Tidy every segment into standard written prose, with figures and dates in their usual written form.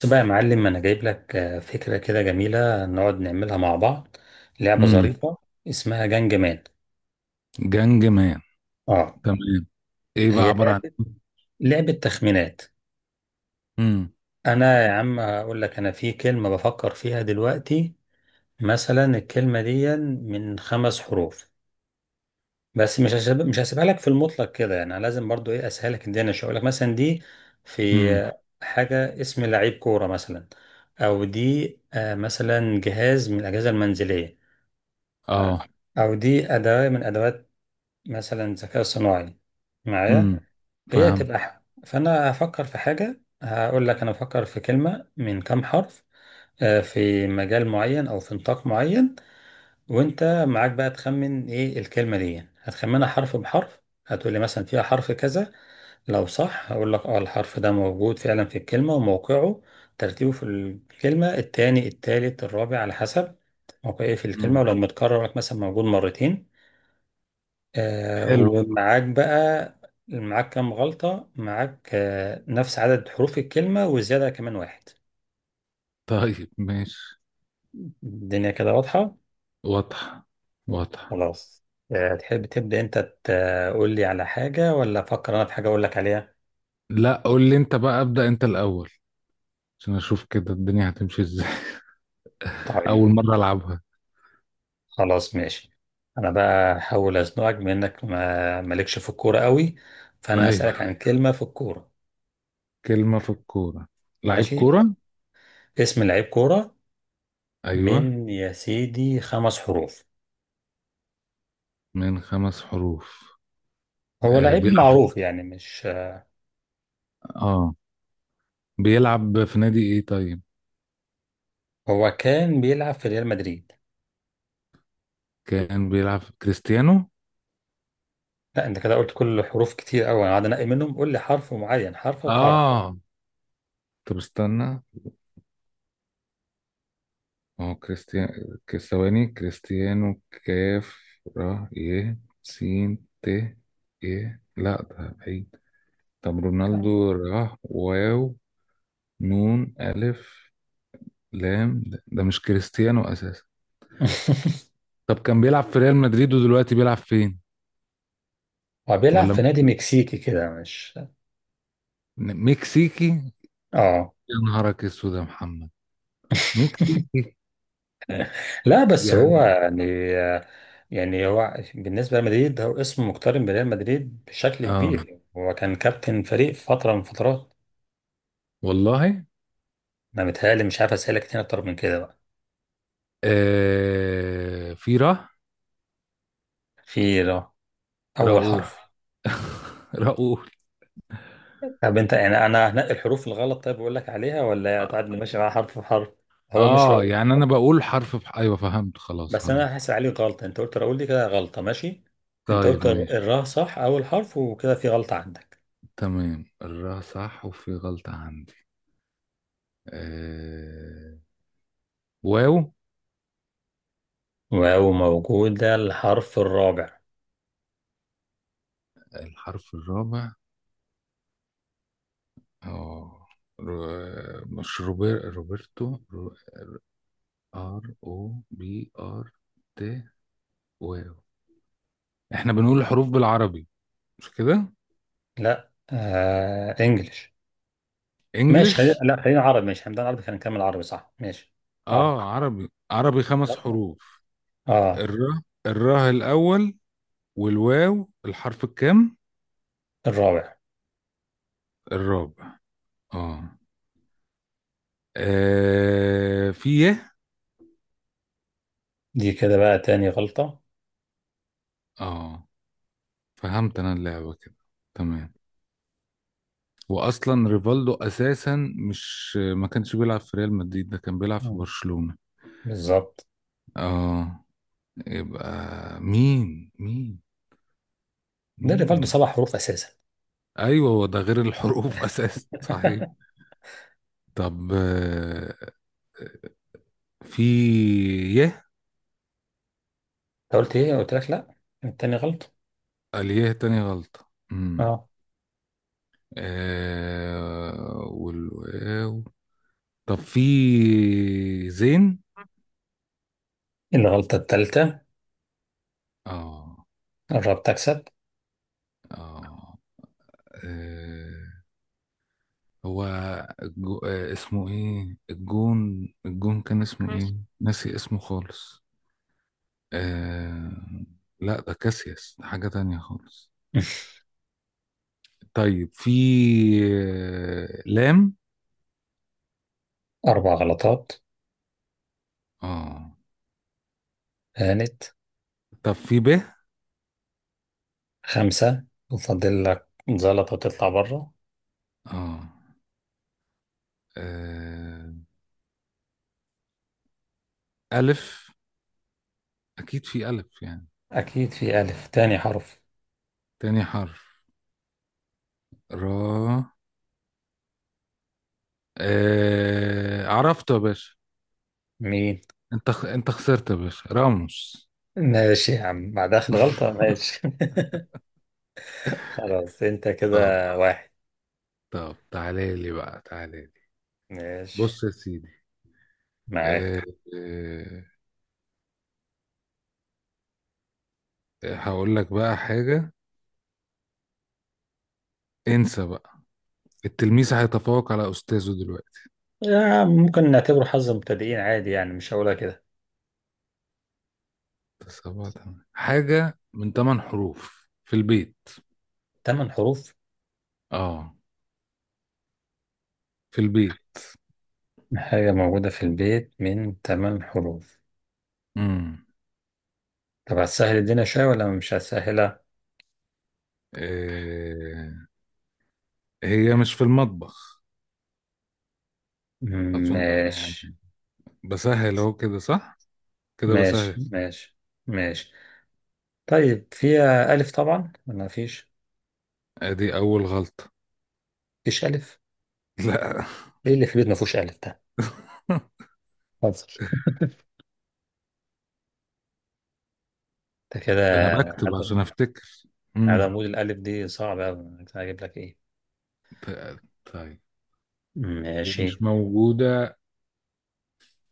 بس بقى يا معلم، انا جايب لك فكره كده جميله نقعد نعملها مع بعض. لعبه امم. ظريفه اسمها جنج مان. جانج مان. اه. تمام. ايه بقى هي عبارة عن؟ لعبه تخمينات. امم. انا يا عم هقول لك انا في كلمه بفكر فيها دلوقتي، مثلا الكلمه دي من خمس حروف، بس مش هسيبها لك في المطلق كده. يعني أنا لازم برضو ايه اسهلك الدنيا، مش هقول لك مثلا دي في امم. حاجه اسم لعيب كوره مثلا، او دي مثلا جهاز من الاجهزه المنزليه، اه. أو دي أداة من أدوات مثلا الذكاء الصناعي معايا. امم. فهمت. فأنا هفكر في حاجة، هقول لك أنا بفكر في كلمة من كام حرف، في مجال معين أو في نطاق معين. وأنت معاك بقى تخمن إيه الكلمة دي، هتخمنها حرف بحرف. هتقول لي مثلا فيها حرف كذا، لو صح هقول لك اه الحرف ده موجود فعلا في الكلمة، وموقعه ترتيبه في الكلمة التاني التالت الرابع على حسب موقعه في الكلمة، امم. ولو متكرر لك مثلا موجود مرتين. آه، حلو. ومعاك بقى معاك كام غلطة، معاك نفس عدد حروف الكلمة وزيادة كمان واحد. طيب، ماشي. الدنيا كده واضحة. واضح. واضح. خلاص. تحب تبدأ أنت، تقول لي على حاجة، ولا أفكر أنا في حاجة أقول لك عليها؟ لا، قول لي انت بقى، ابدأ انت الاول عشان اشوف كده الدنيا هتمشي ازاي. اول طيب. مرة العبها. خلاص ماشي. أنا بقى هحاول أزنقك بإنك ما مالكش في الكورة قوي، فأنا أسألك ايوه. عن كلمة في الكورة. كلمة في الكورة. لعيب ماشي. كورة. اسم لعيب كورة ايوه. من يا سيدي خمس حروف. من 5 حروف. هو آه، لعيب بيلعب. معروف يعني، مش... اه. بيلعب في نادي ايه طيب؟ هو كان بيلعب في ريال مدريد. كان بيلعب في كريستيانو. لا انت كده قلت كل حروف كتير قوي، انا قاعد انقي منهم. قول لي حرف معين، حرف بحرف. اه. طب استنى، ما هو كريستيان، ثواني. كريستيانو: كاف، را، ي، سين، ت، ي. لا ده بعيد. طب رونالدو: را، واو، نون، ألف، لام. ده مش كريستيانو أساسا. طب كان بيلعب في ريال مدريد ودلوقتي بيلعب فين؟ هو بيلعب ولا. في نادي مكسيكي كده، مش... مكسيكي؟ اه. يا نهارك اسود يا محمد. مكسيكي. لا بس هو يعني. يعني، يعني هو بالنسبه لمدريد هو اسمه مقترن بريال مدريد بشكل اه كبير، هو كان كابتن فريق في فتره من فترات. والله. ما متهيألي، مش عارف اسالك تاني اكتر من كده بقى. آه، في را. في ر-، اول راؤول. حرف. راؤول. طب انت يعني انا هنقي الحروف الغلط؟ طيب بقول لك عليها ولا هتقعد ماشي مع حرف بحرف؟ هو مش رأ... اه يعني انا بقول حرف ايوه فهمت. خلاص بس انا خلاص. هحاسب عليك غلطه، انت قلت راؤول دي كده غلطه ماشي. انت طيب قلت ماشي. الراء صح اول حرف، وكده في غلطه عندك. تمام، الراء صح وفي غلطة عندي. آه... واو. واو موجوده الحرف الرابع. الحرف الرابع. اه. ر- مش روبر... روبرتو. ار، او، بي، ار، تي، واو. احنا بنقول الحروف بالعربي، مش كده؟ لا انجلش. ماشي خلينا، انجلش. لا خلينا عربي. ماشي هنبدا عربي، خلينا نكمل عربي صح، ماشي. عربي. اه، عربي عربي، خمس خلاص. حروف اه. الراء. الراء الاول. والواو الحرف الكام؟ الرابع. الرابع. اه. آه، في يه. دي كده بقى تاني غلطه. اه، فهمت انا اللعبة كده. تمام. واصلا ريفالدو اساسا، مش ما كانش بيلعب في ريال مدريد، ده كان بيلعب في مم. برشلونة. بالظبط. اه. يبقى مين، مين، ده اللي برضه مين؟ سبع حروف اساسا. ايوه هو ده غير الحروف اساسا صحيح. انت طب في يه. قلت ايه، قلت لك لا. التاني غلطه. اليه تاني غلطة. امم. اه. والواو. طب في زين. الغلطه الثالثه. اه. الراب تكسب. اه. آه، هو اسمه ايه؟ الجون كان اسمه ايه؟ ناسي اسمه خالص. آه... لا ده كاسياس، ده حاجة تانية خالص. طيب في لام. اربع غلطات. اه. هانت. طب في ب. خمسة. وفاضل لك زلطة تطلع بره. اه. آه، ألف. أكيد في ألف يعني. أكيد في ألف تاني حرف. تاني حرف. را. عرفته يا باشا. مين؟ انت خسرت يا باشا، راموس. ماشي يا عم، بعد آخر غلطة، ماشي. خلاص أنت كده. اه. واحد. طب تعالى لي بقى، تعالى لي. ماشي. بص يا سيدي. أه. معاك. أه. هقول لك بقى حاجة. انسى بقى، التلميذ هيتفوق على أستاذه دلوقتي. ممكن نعتبره حظ مبتدئين عادي يعني، مش هقولها كده. سبعة تمانية، حاجة من 8 حروف في البيت. تمن حروف. اه. في البيت. حاجة موجودة في البيت من تمن حروف. امم. طب هتسهل الدنيا شوية ولا مش هتسهلها؟ أه. هي مش في المطبخ، أظن يعني. ماشي بسهل أهو كده صح؟ كده بسهل. ماشي. ماشي. ماشي. طيب فيها ألف طبعا ولا مفيش؟ أدي أول غلطة. مفيش ألف. لا. ايه اللي في البيت ما فيهوش الف ده؟ حاضر. ده كده ده أنا بكتب عدم عشان أفتكر. امم. عدم وجود الالف دي صعبه قوي، هجيب لك ايه. ط- طيب. ماشي. ومش موجودة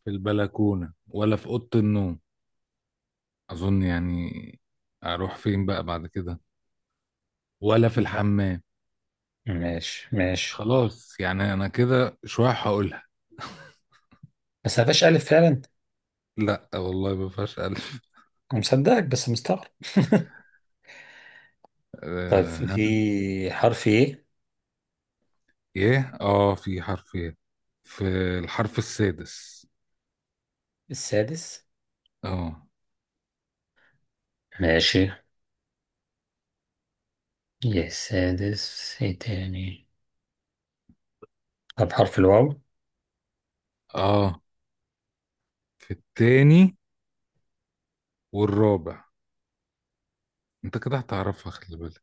في البلكونة ولا في أوضة النوم، أظن يعني. أروح فين بقى بعد كده؟ ولا في لا. الحمام. ماشي ماشي. خلاص يعني أنا كده شوية هقولها. بس ما فيهاش الف فعلا. لا والله ما فيهاش ألف. أنا مصدقك بس مستغرب. طيب آه ها. في حرف ايه؟ إيه، في حرف إيه؟ في الحرف السادس. السادس. آه. ماشي. يا السادس ايه تاني. طب حرف الواو. آه، في التاني والرابع. أنت كده هتعرفها، خلي بالك.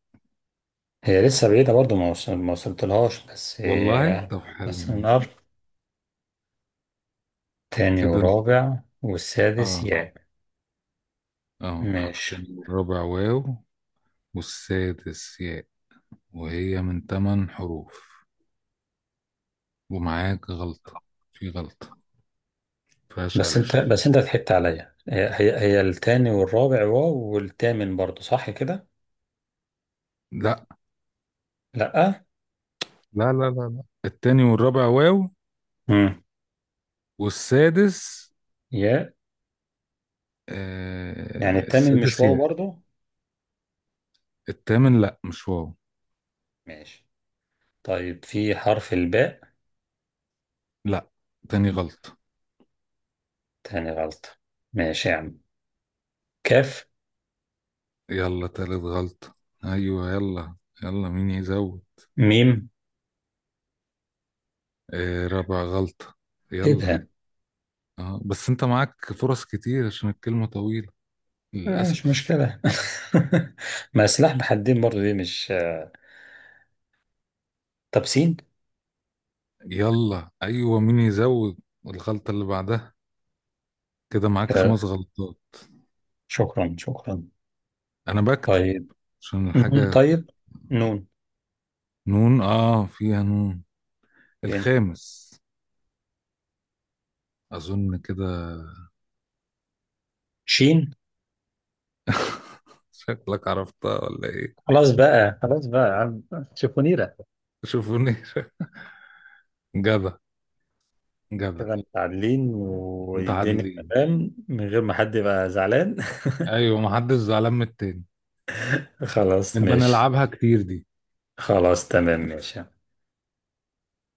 هي لسه بعيدة برضه، ما وصلتلهاش بس. والله طب حلو بس نقرب. ماشي. تاني كده. ورابع والسادس آه. ياء. آه، ماشي. التاني والرابع واو، والسادس ياء. وهي من 8 حروف. ومعاك غلطة. في غلطة. مفيهاش بس انت ألف. بس انت ضحكت عليا. هي التاني والرابع واو، والتامن برضو صح كده. لا، لا. لا، لا، لا، لا، التاني والرابع واو. امم. والسادس. يا. يعني آه، التامن مش السادس واو ياء. برضو. التامن لا مش واو. ماشي. طيب في حرف الباء. لا، تاني غلطة. تاني غلطة. ماشي يا عم. كاف. يلا، تالت غلطة. أيوة يلا. يلا، مين يزود. ميم. آه، رابع غلطة. ايه يلا. ده. آه بس أنت معاك فرص كتير عشان الكلمة طويلة مش للأسف. مشكلة. ما سلاح بحدين برضو دي، مش... طب سين. يلا ايوه، مين يزود. الغلطة اللي بعدها. كده معاك كده. 5 غلطات. شكرا شكرا. انا بكتب طيب. عشان نون الحاجة. طيب. نون. نون. اه، فيها نون. فين. الخامس. اظن كده. شين. شكلك عرفتها ولا ايه؟ خلاص بقى، خلاص بقى يا عم. شيفونيرة. شوفوني جدع. جدع. كده متعادلين والدنيا متعادلين. تمام من غير ما حد يبقى زعلان. ايوه، محدش زعلان من التاني. خلاص نبقى ماشي. نلعبها كتير دي. خلاص تمام ماشي.